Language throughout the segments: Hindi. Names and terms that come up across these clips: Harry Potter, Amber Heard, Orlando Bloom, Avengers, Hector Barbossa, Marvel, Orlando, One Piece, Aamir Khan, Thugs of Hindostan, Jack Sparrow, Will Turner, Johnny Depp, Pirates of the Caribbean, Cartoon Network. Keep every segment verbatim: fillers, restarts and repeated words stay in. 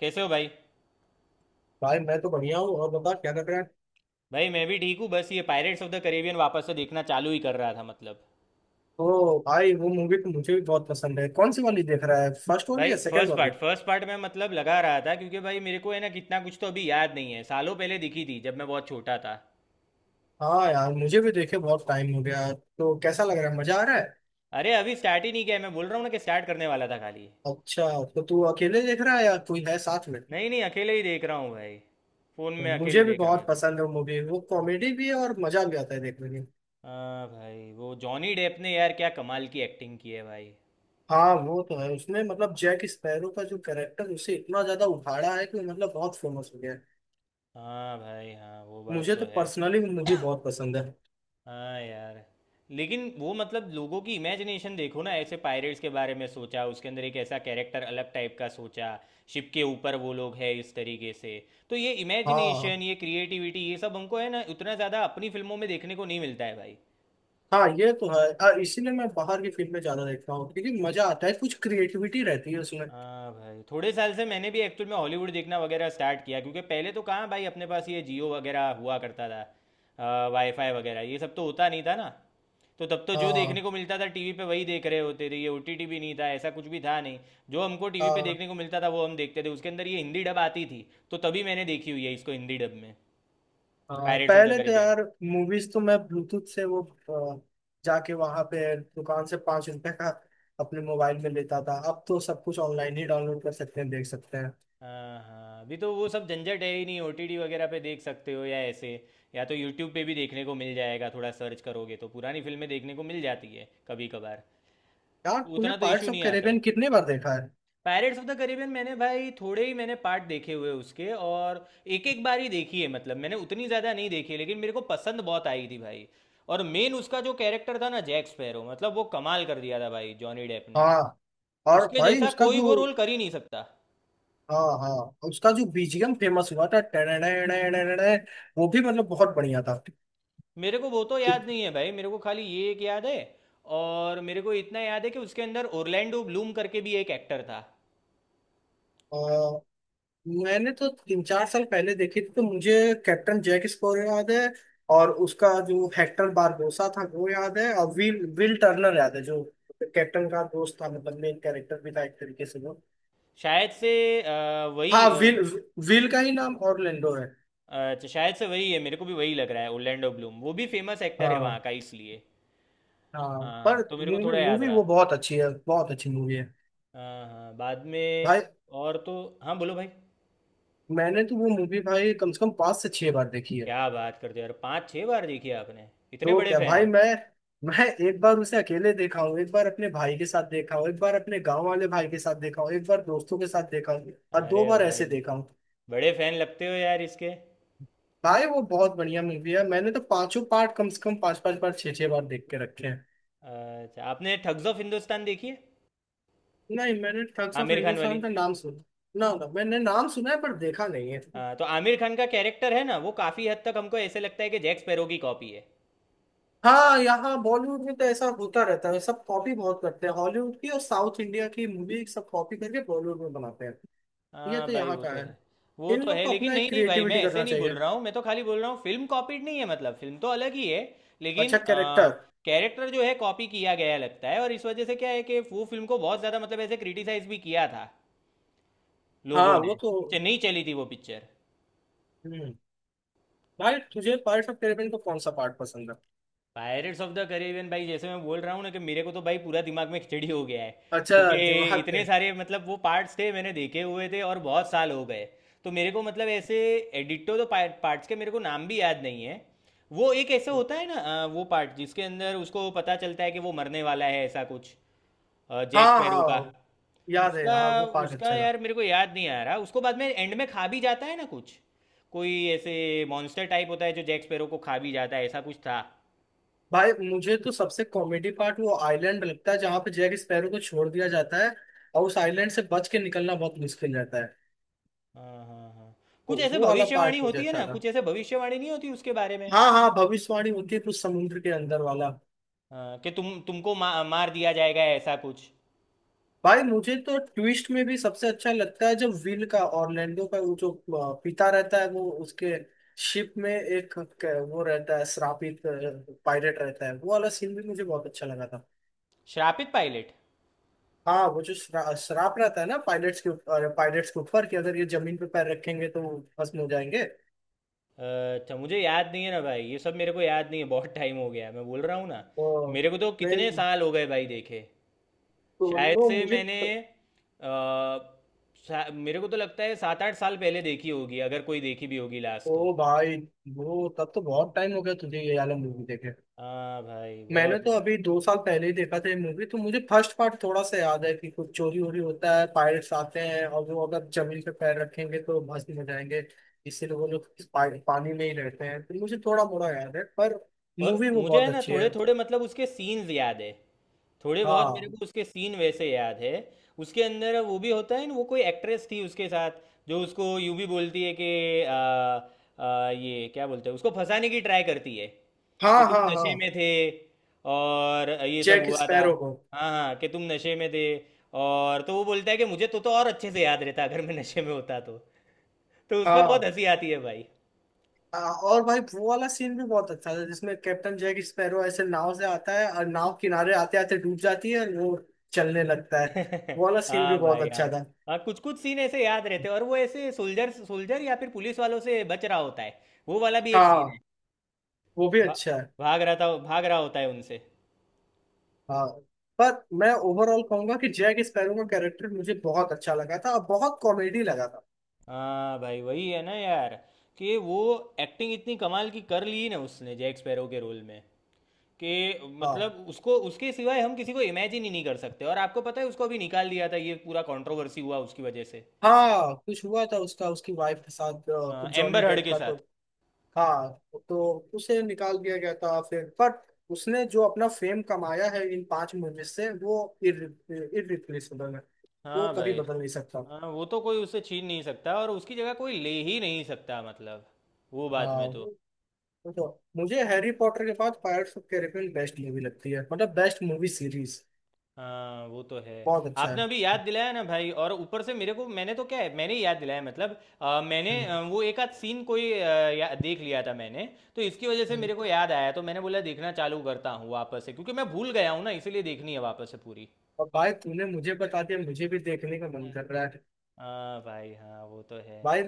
कैसे हो भाई? भाई मैं तो बढ़िया हूँ और बता क्या कर रहा है। भाई मैं भी ठीक हूँ, बस ये पायरेट्स ऑफ द करेबियन वापस से देखना चालू ही कर रहा था मतलब। तो भाई वो मूवी तो मुझे भी बहुत पसंद है। कौन सी वाली देख रहा है, फर्स्ट वाली भाई या सेकंड फर्स्ट वाली? पार्ट फर्स्ट पार्ट में मतलब लगा रहा था, क्योंकि भाई मेरे को है ना कितना कुछ तो अभी याद नहीं है। सालों पहले दिखी थी जब मैं बहुत छोटा था। हाँ यार, मुझे भी देखे बहुत टाइम हो गया। तो कैसा लग रहा है, मजा आ रहा है? अरे अभी स्टार्ट ही नहीं किया है, मैं बोल रहा हूँ ना कि स्टार्ट करने वाला था खाली। अच्छा। तो तू अकेले देख रहा है या कोई है साथ में? नहीं, नहीं, अकेले ही देख रहा हूँ भाई। फ़ोन में मुझे अकेले भी देख रहा हूँ बहुत ऐसे। पसंद है वो मूवी। वो कॉमेडी भी है और मजा भी आता है देखने में। हाँ भाई, वो जॉनी डेप ने यार क्या कमाल की एक्टिंग की है भाई। हाँ वो तो है। उसमें मतलब जैक स्पैरो का जो कैरेक्टर, उसे इतना ज्यादा उखाड़ा है कि मतलब बहुत फेमस हो गया है। हाँ भाई, हाँ, वो बात मुझे तो तो है। पर्सनली मूवी बहुत पसंद है। हाँ यार। लेकिन वो मतलब लोगों की इमेजिनेशन देखो ना, ऐसे पायरेट्स के बारे में सोचा, उसके अंदर एक ऐसा कैरेक्टर अलग टाइप का सोचा। शिप के ऊपर वो लोग है इस तरीके से। तो ये हाँ इमेजिनेशन, ये क्रिएटिविटी, ये सब हमको है ना उतना ज़्यादा अपनी फिल्मों में देखने को नहीं मिलता है भाई। हाँ, ये तो है। और इसीलिए मैं बाहर की फिल्में ज्यादा देखता हूँ क्योंकि मजा आता है, कुछ क्रिएटिविटी रहती है उसमें। हाँ भाई, थोड़े साल से मैंने भी एक्चुअल में हॉलीवुड देखना वगैरह स्टार्ट किया, क्योंकि पहले तो कहाँ भाई, अपने पास ये जियो वगैरह हुआ करता था, वाईफाई वगैरह ये सब तो होता नहीं था ना। तो तब तो जो देखने हाँ को मिलता था टीवी पे वही देख रहे होते थे, ये ओटीटी भी नहीं था, ऐसा कुछ भी था नहीं। जो हमको टीवी पे हाँ देखने को मिलता था वो हम देखते थे, उसके अंदर ये हिंदी डब आती थी। तो तभी मैंने देखी हुई है इसको हिंदी डब में। हाँ। पायरेट्स ऑफ द पहले तो कैरिबियन। यार मूवीज तो मैं ब्लूटूथ से वो अ, जाके वहां पे दुकान से पांच रुपए का अपने मोबाइल में लेता था। अब तो सब कुछ ऑनलाइन ही डाउनलोड कर सकते हैं, देख सकते हैं। हाँ, हाँ, अभी तो वो सब झंझट है ही नहीं, ओटीटी वगैरह पे देख सकते हो या ऐसे। या तो यूट्यूब पे भी देखने को मिल जाएगा, थोड़ा सर्च करोगे तो पुरानी फिल्में देखने को मिल जाती है कभी कभार। यार, तो तूने उतना तो इशू पायरेट्स ऑफ नहीं आता है। कैरेबियन कितने बार देखा है? पायरेट्स ऑफ द कैरिबियन मैंने भाई थोड़े ही मैंने पार्ट देखे हुए उसके, और एक एक बार ही देखी है, मतलब मैंने उतनी ज़्यादा नहीं देखी है, लेकिन मेरे को पसंद बहुत आई थी भाई। और मेन उसका जो कैरेक्टर था ना, जैक स्पैरो, मतलब वो कमाल कर दिया था भाई जॉनी डेप ने। हाँ। और उसके भाई जैसा उसका कोई जो। वो रोल कर ही नहीं सकता। हाँ हाँ, उसका जो बी जी एम फेमस हुआ था टेने, वो भी मतलब बहुत बढ़िया था। मेरे को वो तो याद नहीं है भाई, मेरे को खाली ये एक याद है। और मेरे को इतना याद है कि उसके अंदर ओरलैंडो ब्लूम करके भी एक एक्टर था। कि- मैंने तो तीन चार साल पहले देखी थी तो मुझे कैप्टन जैक स्पैरो याद है। और उसका जो हेक्टर बारबोसा था वो याद है, और विल विल टर्नर याद है, जो कैप्टन का दोस्त था, मतलब मेन कैरेक्टर भी था एक तरीके से वो। शायद से। अ, वही। हाँ, अ, विल। विल का ही नाम ऑरलैंडो है। अच्छा, शायद से वही है, मेरे को भी वही लग रहा है। ओरलैंडो ब्लूम वो भी फेमस एक्टर है वहाँ हाँ का इसलिए। हाँ, पर हाँ, तो मेरे को मूवी थोड़ा याद मूवी रहा। वो बहुत अच्छी है, बहुत अच्छी मूवी है। हाँ, हाँ, बाद में। भाई, और तो। हाँ, बोलो भाई। मैंने तो वो मूवी भाई कम से कम पांच से छह बार देखी है। क्या बात करते हो यार, पाँच छः बार देखी है आपने? इतने तो बड़े क्या फ़ैन हो? भाई, मैं मैं एक बार उसे अकेले देखा हूँ, एक बार अपने भाई के साथ देखा हूँ, एक बार अपने गांव वाले भाई के साथ देखा हूँ, एक बार दोस्तों के साथ देखा हूँ और अरे दो बार भाई। ऐसे देखा हूँ। बड़े फ़ैन लगते हो यार इसके। भाई वो बहुत बढ़िया मूवी है, मैंने तो पांचों पार्ट कम से कम पांच पांच बार छह छह बार देख के रखे हैं। अच्छा, आपने ठग्स ऑफ हिंदुस्तान देखी है? नहीं, मैंने ठग्स ऑफ आमिर खान वाली? हिंदुस्तान का नाम सुना। ना ना, मैंने नाम सुना है पर देखा नहीं है। हाँ तो आमिर खान का कैरेक्टर है ना, वो काफ़ी हद तक हमको ऐसे लगता है कि जैक स्पैरो की कॉपी है। हाँ, यहाँ बॉलीवुड में तो ऐसा होता रहता है, सब कॉपी बहुत करते हैं। हॉलीवुड की और साउथ इंडिया की मूवी सब कॉपी करके बॉलीवुड में बनाते हैं। ये हाँ तो भाई, यहाँ वो का तो है। है। वो इन तो लोग है, को लेकिन अपना एक नहीं, नहीं, भाई, मैं क्रिएटिविटी ऐसे करना नहीं बोल चाहिए। रहा हूँ। मैं तो खाली बोल रहा हूँ फिल्म कॉपीड नहीं है, मतलब फिल्म तो अलग ही है। लेकिन अच्छा कैरेक्टर। कैरेक्टर जो है कॉपी किया गया लगता है, और इस वजह से क्या है कि वो फिल्म को बहुत ज़्यादा मतलब ऐसे क्रिटिसाइज भी किया था हाँ लोगों ने। वो तो। चेन्नई चली थी वो पिक्चर। हम्म। भाई तुझे पार्ट ऑफ कैरेबियन का कौन सा पार्ट पसंद है? पायरेट्स ऑफ द कैरिबियन भाई, जैसे मैं बोल रहा हूँ ना, कि मेरे को तो भाई पूरा दिमाग में खिचड़ी हो गया है। अच्छा। क्योंकि दिमाग पे। इतने सारे मतलब वो पार्ट्स थे मैंने देखे हुए थे, और बहुत साल हो गए। तो मेरे को मतलब ऐसे, एडिटो तो पार्ट्स के मेरे को नाम भी याद नहीं है। वो एक ऐसे होता है ना, अ, वो पार्ट जिसके अंदर उसको पता चलता है कि वो मरने वाला है, ऐसा कुछ। जैक हाँ स्पैरो का। हाँ। याद है, हाँ, उसका वो पार्ट उसका अच्छा था। यार, मेरे को याद नहीं आ रहा। उसको बाद में एंड में खा भी जाता है ना कुछ, कोई ऐसे मॉन्स्टर टाइप होता है जो जैक स्पैरो को खा भी जाता है, ऐसा कुछ था। भाई, मुझे तो सबसे कॉमेडी पार्ट वो आइलैंड लगता है जहाँ पे जैक स्पैरो को छोड़ दिया जाता है और उस आइलैंड से बच के निकलना बहुत मुश्किल रहता है। हाँ, हाँ, हाँ, वो कुछ ऐसे वो वाला भविष्यवाणी पार्ट मुझे होती है अच्छा ना, था। कुछ ऐसे भविष्यवाणी नहीं होती उसके बारे में। हाँ हाँ, भविष्यवाणी होती है कुछ समुद्र के अंदर वाला। हाँ, कि तुम तुमको मा, मार दिया जाएगा, ऐसा कुछ। भाई, मुझे तो ट्विस्ट में भी सबसे अच्छा लगता है जब विल का, ऑर्लैंडो का, वो जो अ, पिता रहता है, वो उसके शिप में एक क- वो रहता है श्रापित पायलट रहता है। वो वाला सीन भी मुझे बहुत अच्छा लगा था। श्रापित पायलट। हाँ, वो जो श्रा, श्राप रहता है ना पायलट्स के ऊपर पायलट्स के ऊपर कि अगर ये जमीन पे पैर रखेंगे तो भस्म हो जाएंगे। अच्छा, मुझे याद नहीं है ना भाई, ये सब मेरे को याद नहीं है, बहुत टाइम हो गया, मैं बोल रहा हूँ ना। तो मेरे को तो मैं कितने साल हो गए भाई देखे। तो शायद नो से मुझे। मैंने अ, शा- मेरे को तो लगता है सात आठ साल पहले देखी होगी, अगर कोई देखी भी होगी लास्ट तो। ओ भाई, वो तब तो बहुत टाइम हो गया तुझे ये वाला मूवी हाँ। देखे। हाँ भाई, मैंने बहुत तो बहुत। अभी दो साल पहले ही देखा था ये मूवी, तो मुझे फर्स्ट पार्ट थोड़ा सा याद है कि कुछ चोरी वोरी होता है, पायरेट्स आते हैं और वो अगर जमीन पे पैर रखेंगे तो भस्म हो जाएंगे, इसलिए वो लोग पा, पानी में ही रहते हैं। तो मुझे थोड़ा मोड़ा याद है पर और मूवी वो मुझे है बहुत ना अच्छी है। थोड़े थोड़े मतलब उसके सीन्स याद है। थोड़े बहुत मेरे हाँ को उसके सीन वैसे याद है। उसके अंदर वो भी होता है ना, वो कोई एक्ट्रेस थी उसके साथ, जो उसको यूं भी बोलती है कि आ, आ, ये क्या बोलते हैं, उसको फंसाने की ट्राई करती है कि हाँ तुम हाँ। हाँ, नशे में थे और ये सब जैक हुआ था। स्पैरो को। हाँ, हाँ, कि तुम नशे में थे। और तो वो बोलता है कि मुझे तो तो और अच्छे से याद रहता अगर मैं नशे में होता तो। तो उसमें बहुत हाँ। हंसी आती है भाई। आ, और भाई वो वाला सीन भी बहुत अच्छा था जिसमें कैप्टन जैक स्पैरो ऐसे नाव से आता है और नाव किनारे आते आते डूब जाती है और वो चलने लगता है। वो वाला सीन भी हाँ बहुत भाई, हाँ। अच्छा था। हाँ, कुछ कुछ सीन ऐसे याद रहते हैं, और वो ऐसे सोल्जर सोल्जर या फिर पुलिस वालों से बच रहा होता है। वो वाला भी एक सीन हाँ, है। वो भी भा, अच्छा है। भाग रहा था भाग रहा होता है उनसे। हाँ, पर मैं ओवरऑल कहूंगा कि जैक स्पैरो का कैरेक्टर मुझे बहुत अच्छा लगा था और बहुत कॉमेडी लगा था। हाँ भाई वही है ना यार, कि वो एक्टिंग इतनी कमाल की कर ली ना उसने जैक स्पैरो के रोल में, कि हाँ। मतलब उसको उसके सिवाय हम किसी को इमेजिन ही नहीं कर सकते। और आपको पता है, उसको अभी निकाल दिया था, ये पूरा कंट्रोवर्सी हुआ उसकी वजह से। हाँ, कुछ हुआ था उसका, उसकी वाइफ के साथ अ, हाँ, कुछ जॉनी एम्बर हर्ड डेप के का तो। साथ। हाँ, तो उसे निकाल दिया गया था फिर पर उसने जो अपना फेम कमाया है इन पांच मूवीज से, वो इरिप्लेसेबल है। वो हाँ कभी भाई। बदल नहीं सकता। हाँ, वो तो कोई उससे छीन नहीं सकता, और उसकी जगह कोई ले ही नहीं सकता, मतलब वो बात हाँ में तो। वो- वो तो मुझे हैरी पॉटर के बाद pirates of Caribbean best movie लगती है, मतलब बेस्ट मूवी सीरीज। हाँ, वो तो है। बहुत अच्छा आपने है। अभी याद दिलाया ना भाई, और ऊपर से मेरे को, मैंने तो क्या है मैंने ही याद दिलाया मतलब। अ, मैंने हम्म। अ, वो एक आध सीन कोई अ, या, देख लिया था मैंने। तो इसकी वजह से हम्म। मेरे को याद आया, तो मैंने बोला देखना चालू करता हूँ वापस से, क्योंकि मैं भूल गया हूँ ना, इसीलिए देखनी है वापस से पूरी। और भाई तूने मुझे बता दिया, मुझे भी देखने का मन हम्म। कर रहा है। हाँ भाई, हाँ, वो तो है। भाई,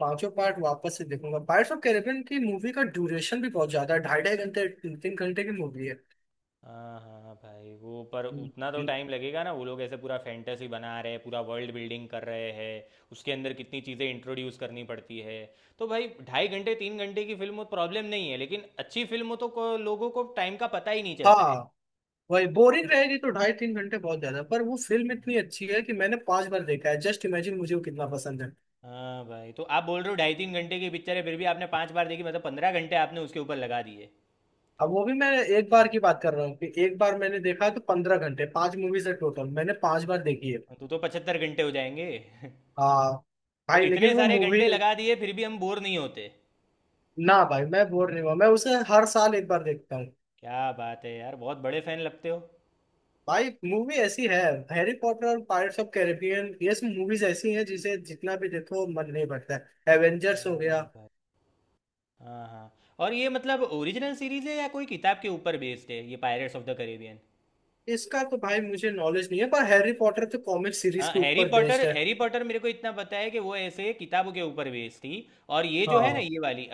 पांचों पार्ट वापस से देखूंगा। पायरेट्स ऑफ कैरिबियन की मूवी का ड्यूरेशन भी बहुत ज्यादा है, ढाई ढाई घंटे तीन तीन घंटे की मूवी है। हाँ, हाँ, हाँ, भाई वो पर हम्म। उतना तो टाइम लगेगा ना, वो लोग ऐसे पूरा फैंटेसी बना रहे हैं, पूरा वर्ल्ड बिल्डिंग कर रहे हैं। उसके अंदर कितनी चीज़ें इंट्रोड्यूस करनी पड़ती है। तो भाई ढाई घंटे तीन घंटे की फिल्म हो प्रॉब्लम नहीं है, लेकिन अच्छी फिल्म हो तो को, लोगों को टाइम का पता ही नहीं चलता है। हाँ, वही बोरिंग रहेगी तो ढाई तीन घंटे बहुत ज्यादा, पर वो फिल्म इतनी अच्छी है कि मैंने पांच बार देखा है। जस्ट इमेजिन मुझे वो कितना पसंद है। हाँ भाई, तो आप बोल रहे हो ढाई तीन घंटे की पिक्चर है, फिर भी आपने पांच बार देखी, मतलब पंद्रह घंटे आपने उसके ऊपर लगा दिए। अब वो भी मैं एक बार की बात कर रहा हूँ कि एक बार मैंने देखा तो पंद्रह घंटे, पांच मूवीज है टोटल, मैंने पांच बार देखी है। तो तो पचहत्तर घंटे हो जाएंगे। हाँ तो भाई, इतने लेकिन वो सारे मूवी। घंटे लगा दिए फिर भी हम बोर नहीं होते। ना भाई, मैं बोर नहीं हुआ, मैं उसे हर साल एक बार देखता हूँ। क्या बात है यार, बहुत बड़े फैन लगते हो। भाई मूवी ऐसी है, हैरी पॉटर और पायरेट्स ऑफ कैरेबियन ये सब मूवीज ऐसी हैं जिसे जितना भी देखो मन नहीं भरता है, एवेंजर्स हो हाँ गया। भाई, हाँ, हाँ। और ये मतलब ओरिजिनल सीरीज है, या कोई किताब के ऊपर बेस्ड है ये पायरेट्स ऑफ द कैरिबियन? इसका तो भाई मुझे नॉलेज नहीं है, पर हैरी पॉटर तो कॉमिक सीरीज हाँ, के हैरी ऊपर पॉटर बेस्ड है। हैरी पॉटर मेरे को इतना पता है कि वो ऐसे किताबों के ऊपर बेस्ड थी। और ये जो है ना हाँ ये वाली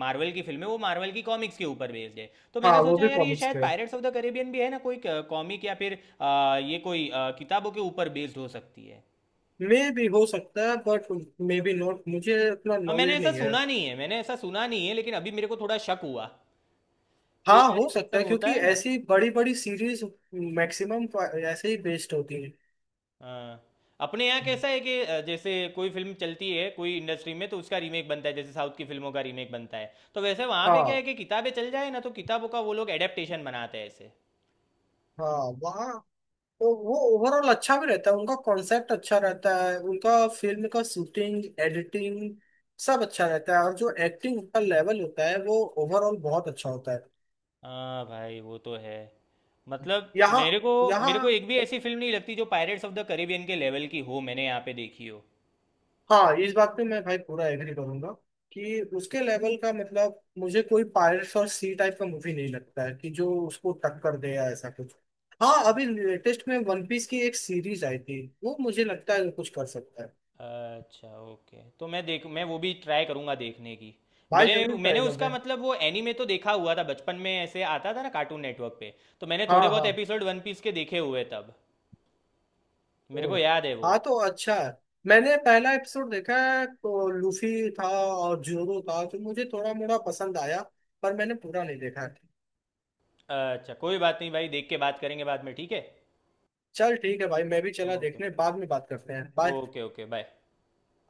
मार्वल की फिल्म है, वो मार्वल की कॉमिक्स के ऊपर बेस्ड है, तो हाँ, मैंने वो सोचा भी यार ये कॉमिक्स शायद पे। पायरेट्स ऑफ द कैरिबियन भी है ना कोई कॉमिक, या फिर अ, ये कोई अ, किताबों के ऊपर बेस्ड हो सकती है। मे भी हो सकता है बट मे बी नॉट, मुझे उतना और मैंने नॉलेज ऐसा नहीं है। सुना नहीं है, मैंने ऐसा सुना नहीं है, लेकिन अभी मेरे को थोड़ा शक हुआ कि हाँ यार हो ये सकता सब है, होता क्योंकि है ना। ऐसी बड़ी बड़ी सीरीज मैक्सिमम ऐसे ही बेस्ड होती है। हाँ। अपने यहाँ कैसा है कि अ, जैसे कोई फिल्म चलती है कोई इंडस्ट्री में तो उसका रीमेक बनता है, जैसे साउथ की फिल्मों का रीमेक बनता है, तो वैसे वहाँ पे क्या हाँ। है कि किताबें चल जाए ना तो किताबों का वो लोग एडेप्टेशन बनाते हैं ऐसे। हाँ वहाँ। तो वो ओवरऑल अच्छा भी रहता है, उनका कॉन्सेप्ट अच्छा रहता है उनका, फिल्म का शूटिंग एडिटिंग सब अच्छा रहता है। और जो एक्टिंग का लेवल होता है वो ओवरऑल बहुत अच्छा होता है। हाँ भाई, वो तो है। मतलब यहाँ मेरे को, मेरे को यहाँ एक भी ऐसी फिल्म नहीं लगती जो पायरेट्स ऑफ द कैरिबियन के लेवल की हो मैंने यहाँ पे देखी हो। हाँ, इस बात पे मैं भाई पूरा एग्री करूंगा कि उसके लेवल का, मतलब मुझे कोई पायरेट्स और सी टाइप का मूवी नहीं लगता है कि जो उसको टक्कर दे या ऐसा कुछ। हाँ, अभी लेटेस्ट में वन पीस की एक सीरीज आई थी, वो मुझे लगता है वो कुछ कर सकता है। अच्छा, ओके, तो मैं देख मैं वो भी ट्राई करूंगा देखने की। भाई, मेरे जरूर मैंने ट्राई उसका करना। मतलब वो एनीमे तो देखा हुआ था, बचपन में ऐसे आता था ना कार्टून नेटवर्क पे। तो मैंने थोड़े हाँ बहुत हाँ। एपिसोड वन पीस के देखे हुए तब। ओ, मेरे को याद है वो। हाँ तो अच्छा है। मैंने पहला एपिसोड देखा है, तो लूफी था और जोरो था, तो मुझे थोड़ा मोड़ा पसंद आया पर मैंने पूरा नहीं देखा है। अच्छा, कोई बात नहीं भाई, देख के बात करेंगे बाद में, ठीक है। चल ठीक है भाई, मैं भी चला ओके। देखने, बाद में बात करते हैं, बाय। Okay, okay, bye.